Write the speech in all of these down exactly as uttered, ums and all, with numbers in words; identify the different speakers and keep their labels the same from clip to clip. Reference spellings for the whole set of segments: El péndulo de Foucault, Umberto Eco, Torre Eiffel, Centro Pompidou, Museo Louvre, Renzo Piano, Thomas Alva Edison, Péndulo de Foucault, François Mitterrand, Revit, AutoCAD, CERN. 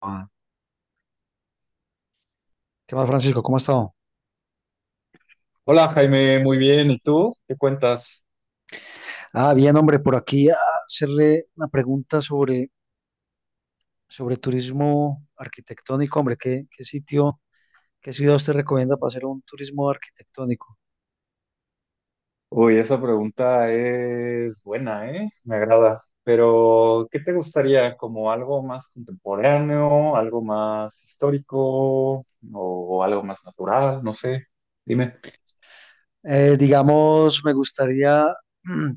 Speaker 1: Ah, ¿qué más, Francisco? ¿Cómo ha estado?
Speaker 2: Hola Jaime, muy bien. ¿Y tú? ¿Qué cuentas?
Speaker 1: Ah, bien, hombre, por aquí a hacerle una pregunta sobre, sobre turismo arquitectónico, hombre, ¿qué, qué sitio, qué ciudad usted recomienda para hacer un turismo arquitectónico?
Speaker 2: Uy, esa pregunta es buena, ¿eh? Me agrada. Pero, ¿qué te gustaría? ¿Como algo más contemporáneo, algo más histórico o algo más natural? No sé. Dime.
Speaker 1: Eh, digamos, me gustaría mm,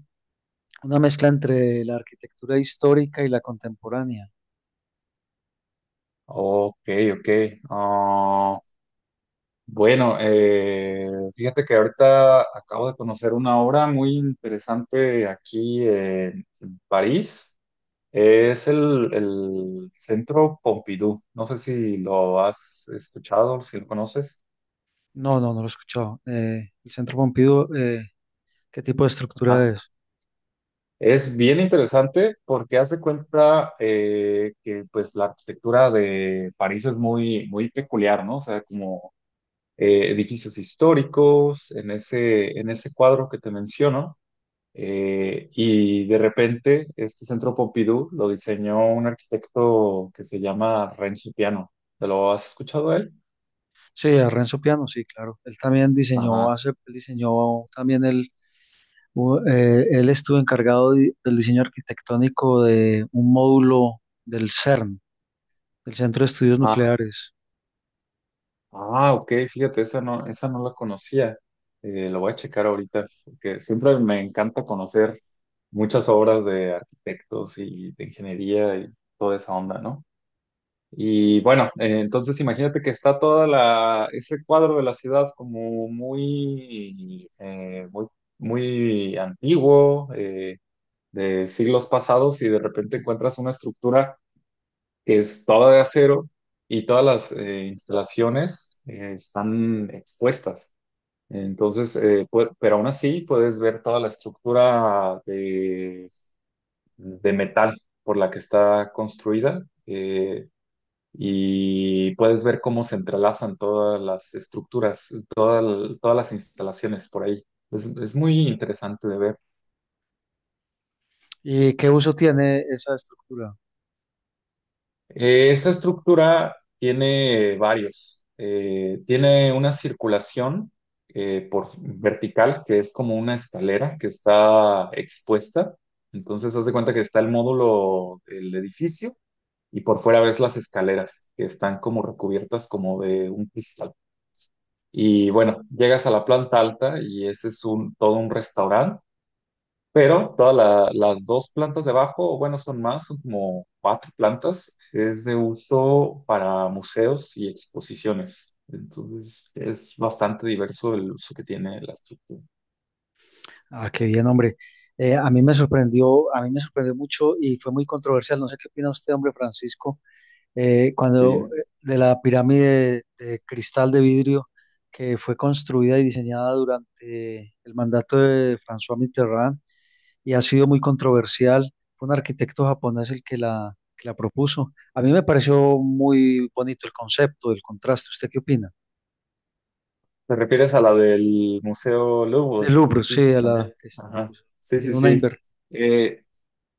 Speaker 1: una mezcla entre la arquitectura histórica y la contemporánea.
Speaker 2: Ok, ok. Ah, bueno, eh, fíjate que ahorita acabo de conocer una obra muy interesante aquí en en París. Es el, el Centro Pompidou. No sé si lo has escuchado, si lo conoces.
Speaker 1: No, no, no lo he escuchado. Eh, el Centro Pompidou, eh, ¿qué tipo de estructura
Speaker 2: Ajá.
Speaker 1: es?
Speaker 2: Es bien interesante porque hace cuenta eh, que pues la arquitectura de París es muy, muy peculiar, ¿no? O sea, como eh, edificios históricos en ese, en ese cuadro que te menciono. Eh, y de repente este Centro Pompidou lo diseñó un arquitecto que se llama Renzo Piano. ¿Te lo has escuchado a él?
Speaker 1: Sí, a Renzo Piano, sí, claro. Él también diseñó,
Speaker 2: Ajá.
Speaker 1: hace, él diseñó también el u- eh, él estuvo encargado di- del diseño arquitectónico de un módulo del CERN, del Centro de Estudios
Speaker 2: Ajá.
Speaker 1: Nucleares.
Speaker 2: Ah, ok, fíjate, esa no, esa no la conocía. Eh, lo voy a checar ahorita, porque siempre me encanta conocer muchas obras de arquitectos y de ingeniería y toda esa onda, ¿no? Y bueno, eh, entonces imagínate que está toda la, ese cuadro de la ciudad como muy, eh, muy, muy antiguo, eh, de siglos pasados, y de repente encuentras una estructura que es toda de acero y todas las eh, instalaciones eh, están expuestas. Entonces, eh, pue- pero aún así puedes ver toda la estructura de, de metal por la que está construida eh, y puedes ver cómo se entrelazan todas las estructuras, toda- todas las instalaciones por ahí. Es, es muy interesante de ver.
Speaker 1: ¿Y qué uso tiene esa estructura?
Speaker 2: Eh, esta estructura tiene varios. Eh, tiene una circulación eh, por vertical, que es como una escalera que está expuesta. Entonces, haz de cuenta que está el módulo del edificio y por fuera ves las escaleras que están como recubiertas como de un cristal. Y bueno, llegas a la planta alta y ese es un, todo un restaurante pero todas la- las dos plantas de abajo, o bueno, son más, son como cuatro plantas, es de uso para museos y exposiciones. Entonces, es bastante diverso el uso que tiene la estructura.
Speaker 1: Ah, qué bien, hombre. Eh, a mí me sorprendió, a mí me sorprendió mucho y fue muy controversial. No sé qué opina usted, hombre Francisco, eh, cuando
Speaker 2: Sí.
Speaker 1: eh, de la pirámide de cristal de vidrio que fue construida y diseñada durante el mandato de François Mitterrand, y ha sido muy controversial. Fue un arquitecto japonés el que la, que la propuso. A mí me pareció muy bonito el concepto, el contraste. ¿Usted qué opina?
Speaker 2: ¿Te refieres a la del Museo Louvre?
Speaker 1: Del Louvre,
Speaker 2: Aquí
Speaker 1: sí, a la
Speaker 2: también.
Speaker 1: que es-
Speaker 2: Ajá.
Speaker 1: pues,
Speaker 2: Sí,
Speaker 1: tiene
Speaker 2: sí,
Speaker 1: una
Speaker 2: sí.
Speaker 1: inversión.
Speaker 2: Eh,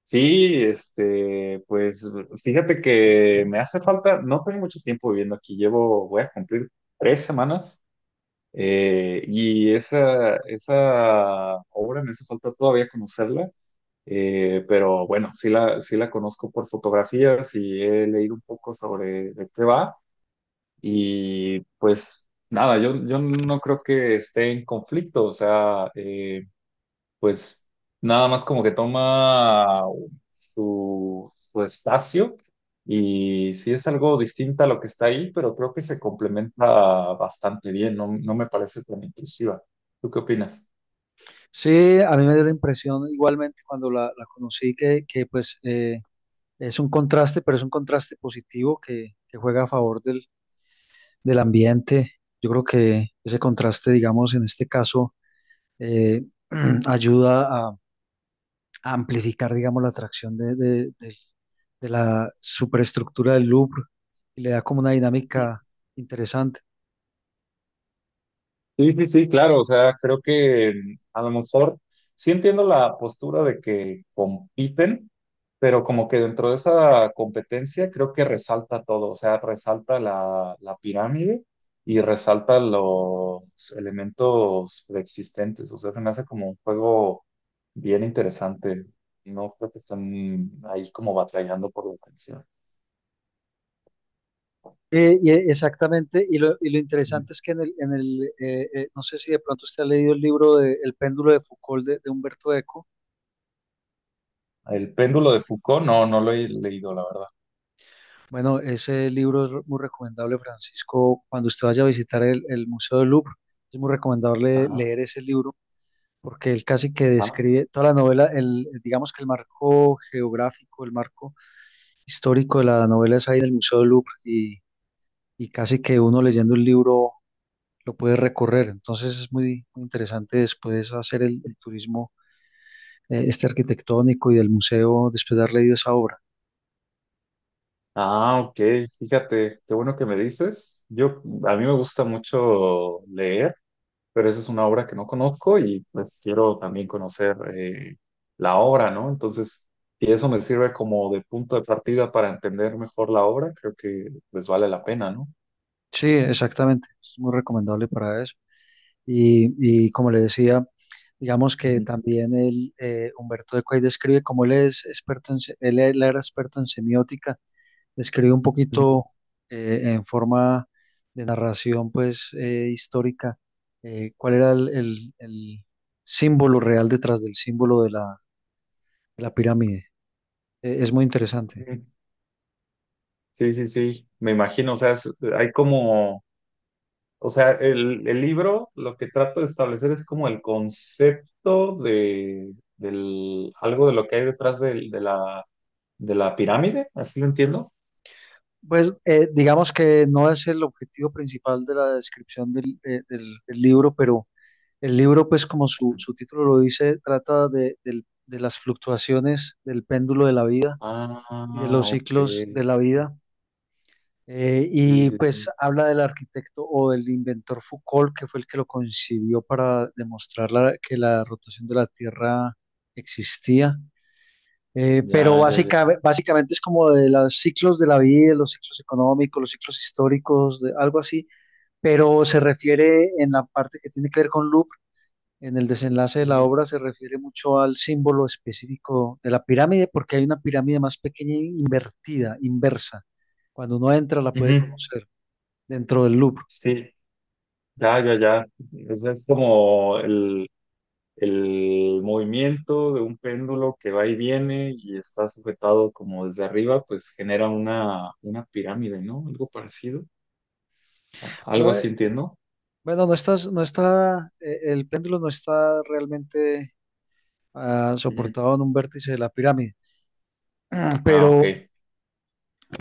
Speaker 2: sí, este, pues fíjate que me hace falta, no tengo mucho tiempo viviendo aquí, llevo, voy a cumplir tres semanas. Eh, y esa, esa obra me hace falta todavía conocerla, eh, pero bueno, sí la, sí la conozco por fotografías y he leído un poco sobre de qué va. Y pues nada, yo, yo no creo que esté en conflicto, o sea, eh, pues nada más como que toma su, su espacio y sí es algo distinta a lo que está ahí, pero creo que se complementa bastante bien, no, no me parece tan intrusiva. ¿Tú qué opinas?
Speaker 1: Sí, a mí me dio la impresión igualmente cuando la, la conocí que, que pues eh, es un contraste, pero es un contraste positivo que, que juega a favor del, del ambiente. Yo creo que ese contraste, digamos, en este caso, eh, ayuda a, a amplificar, digamos, la atracción de, de- del de la superestructura del Louvre, y le da como una dinámica interesante.
Speaker 2: Sí, sí, sí, claro, o sea, creo que mm, a lo mejor sí entiendo la postura de que compiten, pero como que dentro de esa competencia creo que resalta todo, o sea, resalta la, la pirámide y resalta los elementos preexistentes, o sea, se me hace como un juego bien interesante, no creo que están ahí como batallando por la atención.
Speaker 1: Eh, y e- exactamente, y lo, y lo
Speaker 2: Ujú.
Speaker 1: interesante es que en el, en el eh, eh, no sé si de pronto usted ha leído el libro de El péndulo de Foucault de, de Humberto Eco.
Speaker 2: El péndulo de Foucault, no, no lo he leído, la verdad.
Speaker 1: Bueno, ese libro es muy recomendable, Francisco, cuando usted vaya a visitar el, el Museo del Louvre, es muy recomendable
Speaker 2: Ajá,
Speaker 1: leer ese libro porque él casi que
Speaker 2: ajá.
Speaker 1: describe toda la novela, el, digamos que el marco geográfico, el marco histórico de la novela es ahí en el Museo del Louvre, y y casi que uno leyendo el libro lo puede recorrer. Entonces es muy, muy interesante después hacer el, el turismo eh, este arquitectónico y del museo después de haber leído esa obra.
Speaker 2: Ah, ok, fíjate, qué bueno que me dices. Yo, a mí me gusta mucho leer, pero esa es una obra que no conozco y pues quiero también conocer eh, la obra, ¿no? Entonces, si eso me sirve como de punto de partida para entender mejor la obra, creo que pues vale la pena, ¿no?
Speaker 1: Sí, exactamente, es muy recomendable para eso. Y, y como le decía, digamos que
Speaker 2: Ujú,
Speaker 1: también el, eh, Humberto Eco ahí describe cómo él es experto en, se- él, él era experto en semiótica, describe un
Speaker 2: ujú,
Speaker 1: poquito eh, en forma de narración pues eh, histórica, eh, cuál era el, el- el símbolo real detrás del símbolo de la, de la pirámide. Eh, es muy interesante.
Speaker 2: ujú. Sí, sí, sí, me imagino, o sea, es- hay como... O sea, el, el libro lo que trato de establecer es como el concepto de del, algo de lo que hay detrás del- de, la, de la pirámide, así lo entiendo.
Speaker 1: Pues eh, digamos que no es el objetivo principal de la descripción del, de- del- del libro, pero el libro pues como su, su título lo dice, trata de, del- de las fluctuaciones del péndulo de la vida y de
Speaker 2: Ah,
Speaker 1: los
Speaker 2: ok.
Speaker 1: ciclos de
Speaker 2: Sí,
Speaker 1: la vida. Eh,
Speaker 2: sí,
Speaker 1: y
Speaker 2: sí.
Speaker 1: pues habla del arquitecto o del inventor Foucault, que fue el que lo concibió para demostrar la- que la rotación de la Tierra existía. Eh, pero
Speaker 2: Ya, ya, ya.
Speaker 1: básica- básicamente es como de los ciclos de la vida, los ciclos económicos, los ciclos históricos, de, algo así, pero se refiere en la parte que tiene que ver con Louvre, en el desenlace de la
Speaker 2: Ujú,
Speaker 1: obra, se refiere mucho al símbolo específico de la pirámide, porque hay una pirámide más pequeña invertida, inversa. Cuando uno entra la puede
Speaker 2: ujú.
Speaker 1: conocer dentro del loop.
Speaker 2: Sí, ya, ya, ya. Eso es como el, el movimiento de un péndulo que va y viene y está sujetado como desde arriba, pues genera una, una pirámide, ¿no? Algo parecido. Algo
Speaker 1: Bueno, eh,
Speaker 2: así entiendo.
Speaker 1: bueno, no estás, no está, eh, el péndulo no está realmente ah,
Speaker 2: Ujú.
Speaker 1: soportado en un vértice de la pirámide,
Speaker 2: Ah, ok.
Speaker 1: pero,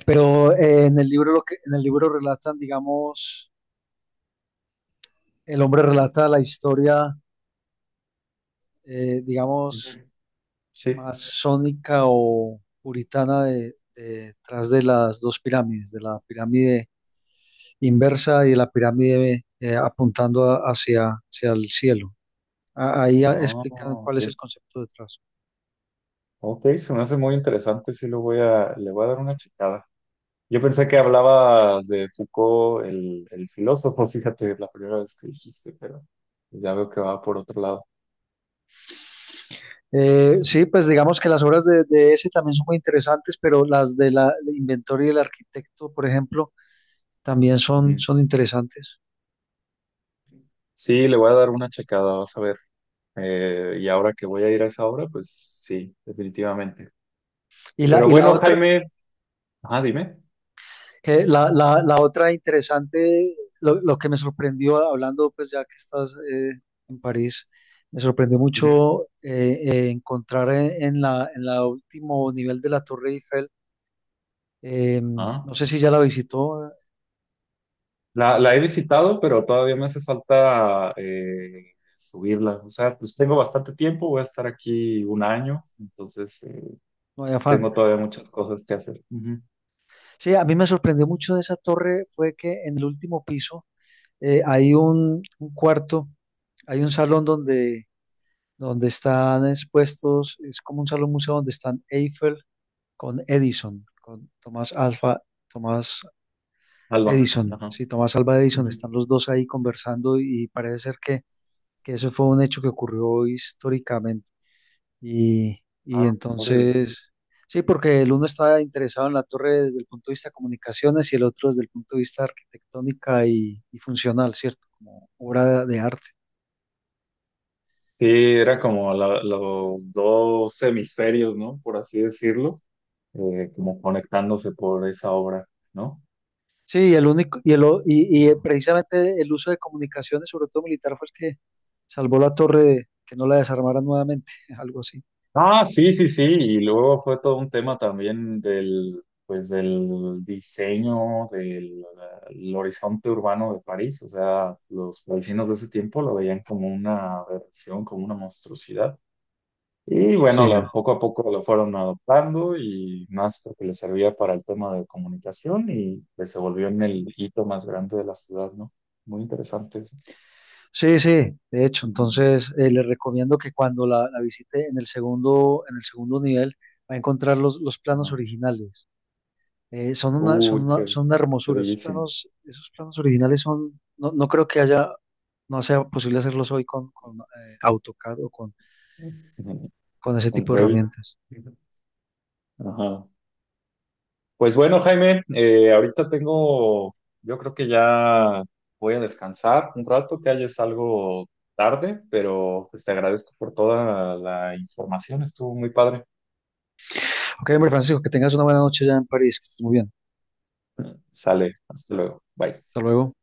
Speaker 1: pero eh, en el libro lo que, en el libro relatan, digamos, el hombre relata la historia, eh, digamos,
Speaker 2: Ujú. Sí.
Speaker 1: masónica o puritana de, detrás de las dos pirámides, de la pirámide inversa y de la pirámide eh, apuntando a- hacia, hacia el cielo. A- Ahí ah,
Speaker 2: Ah,
Speaker 1: explican cuál
Speaker 2: ok.
Speaker 1: es el concepto detrás.
Speaker 2: Ok, se me hace muy interesante. Sí, lo voy a, le voy a dar una checada. Yo pensé que hablabas de Foucault, el, el filósofo, fíjate, la primera vez que dijiste, pero ya veo que va por otro lado.
Speaker 1: Eh, sí, pues digamos que las obras de, de ese también son muy interesantes, pero las de la, del inventor y del arquitecto, por ejemplo, también son,
Speaker 2: Ujú.
Speaker 1: son interesantes.
Speaker 2: Sí, le voy a dar una checada, vas a ver. Eh, y ahora que voy a ir a esa obra, pues sí, definitivamente.
Speaker 1: Y la,
Speaker 2: Pero
Speaker 1: y la
Speaker 2: bueno,
Speaker 1: otra,
Speaker 2: Jaime, ah, dime.
Speaker 1: que la, la, la otra interesante, lo, lo que me sorprendió hablando, pues ya que estás eh, en París, me sorprendió
Speaker 2: Ujú.
Speaker 1: mucho eh, eh, encontrar en, en la, en la último nivel de la Torre Eiffel, eh,
Speaker 2: Ah.
Speaker 1: no sé si ya la visitó, eh,
Speaker 2: La,
Speaker 1: la,
Speaker 2: la he visitado, pero todavía me hace falta eh, subirla. O sea, pues tengo bastante tiempo, voy a estar aquí un año, entonces eh,
Speaker 1: no hay afán.
Speaker 2: tengo todavía muchas cosas que hacer. Ujú.
Speaker 1: Sí, a mí me sorprendió mucho de esa torre fue que en el último piso, eh, hay un, un cuarto, hay un salón donde, donde están expuestos, es como un salón museo donde están Eiffel con Edison, con Tomás Alfa, Tomás
Speaker 2: Alba,
Speaker 1: Edison,
Speaker 2: ajá.
Speaker 1: sí, Tomás Alva Edison,
Speaker 2: Ujú.
Speaker 1: están los dos ahí conversando y parece ser que, que eso fue un hecho que ocurrió históricamente. Y, y
Speaker 2: Ah, órale.
Speaker 1: entonces, sí, porque el uno está interesado en la torre desde el punto de vista de comunicaciones y el otro desde el punto de vista arquitectónica y, y funcional, ¿cierto? Como obra de arte.
Speaker 2: Sí, era como la- los dos hemisferios, ¿no? Por así decirlo, eh, como conectándose por esa obra, ¿no?
Speaker 1: Sí, y el único, y, el, o- y, y precisamente el uso de comunicaciones, sobre todo militar, fue el que salvó la torre de que no la desarmaran nuevamente, algo así.
Speaker 2: Ah, sí, sí, sí. Y luego fue todo un tema también del, pues, del diseño del el horizonte urbano de París. O sea, los parisinos de ese tiempo lo veían como una aberración, como una monstruosidad. Y bueno,
Speaker 1: Sí,
Speaker 2: la- poco a poco lo fueron adoptando y más porque les servía para el tema de comunicación y pues se volvió en el hito más grande de la ciudad, ¿no? Muy interesante eso.
Speaker 1: sí, sí, de hecho,
Speaker 2: Ujú.
Speaker 1: entonces eh, le recomiendo que cuando la, la visite en el segundo, en el segundo nivel va a encontrar los, los planos
Speaker 2: Ajá.
Speaker 1: originales. Eh, son una, son
Speaker 2: Uy,
Speaker 1: una,
Speaker 2: qué,
Speaker 1: son una
Speaker 2: qué
Speaker 1: hermosura. Esos
Speaker 2: bellísimo.
Speaker 1: planos, esos planos originales son, no, no creo que haya, no sea posible hacerlos hoy con, con eh, AutoCAD o con,
Speaker 2: Ujú.
Speaker 1: con ese
Speaker 2: Un
Speaker 1: tipo de
Speaker 2: Revit.
Speaker 1: herramientas.
Speaker 2: Ajá. Pues bueno, Jaime, eh, ahorita tengo, yo creo que ya voy a descansar un rato, que ya es algo tarde, pero pues te agradezco por toda la información, estuvo muy padre.
Speaker 1: Ok, hombre Francisco, que tengas una buena noche ya en París, que estés muy bien.
Speaker 2: Sale, hasta luego, bye.
Speaker 1: Hasta luego.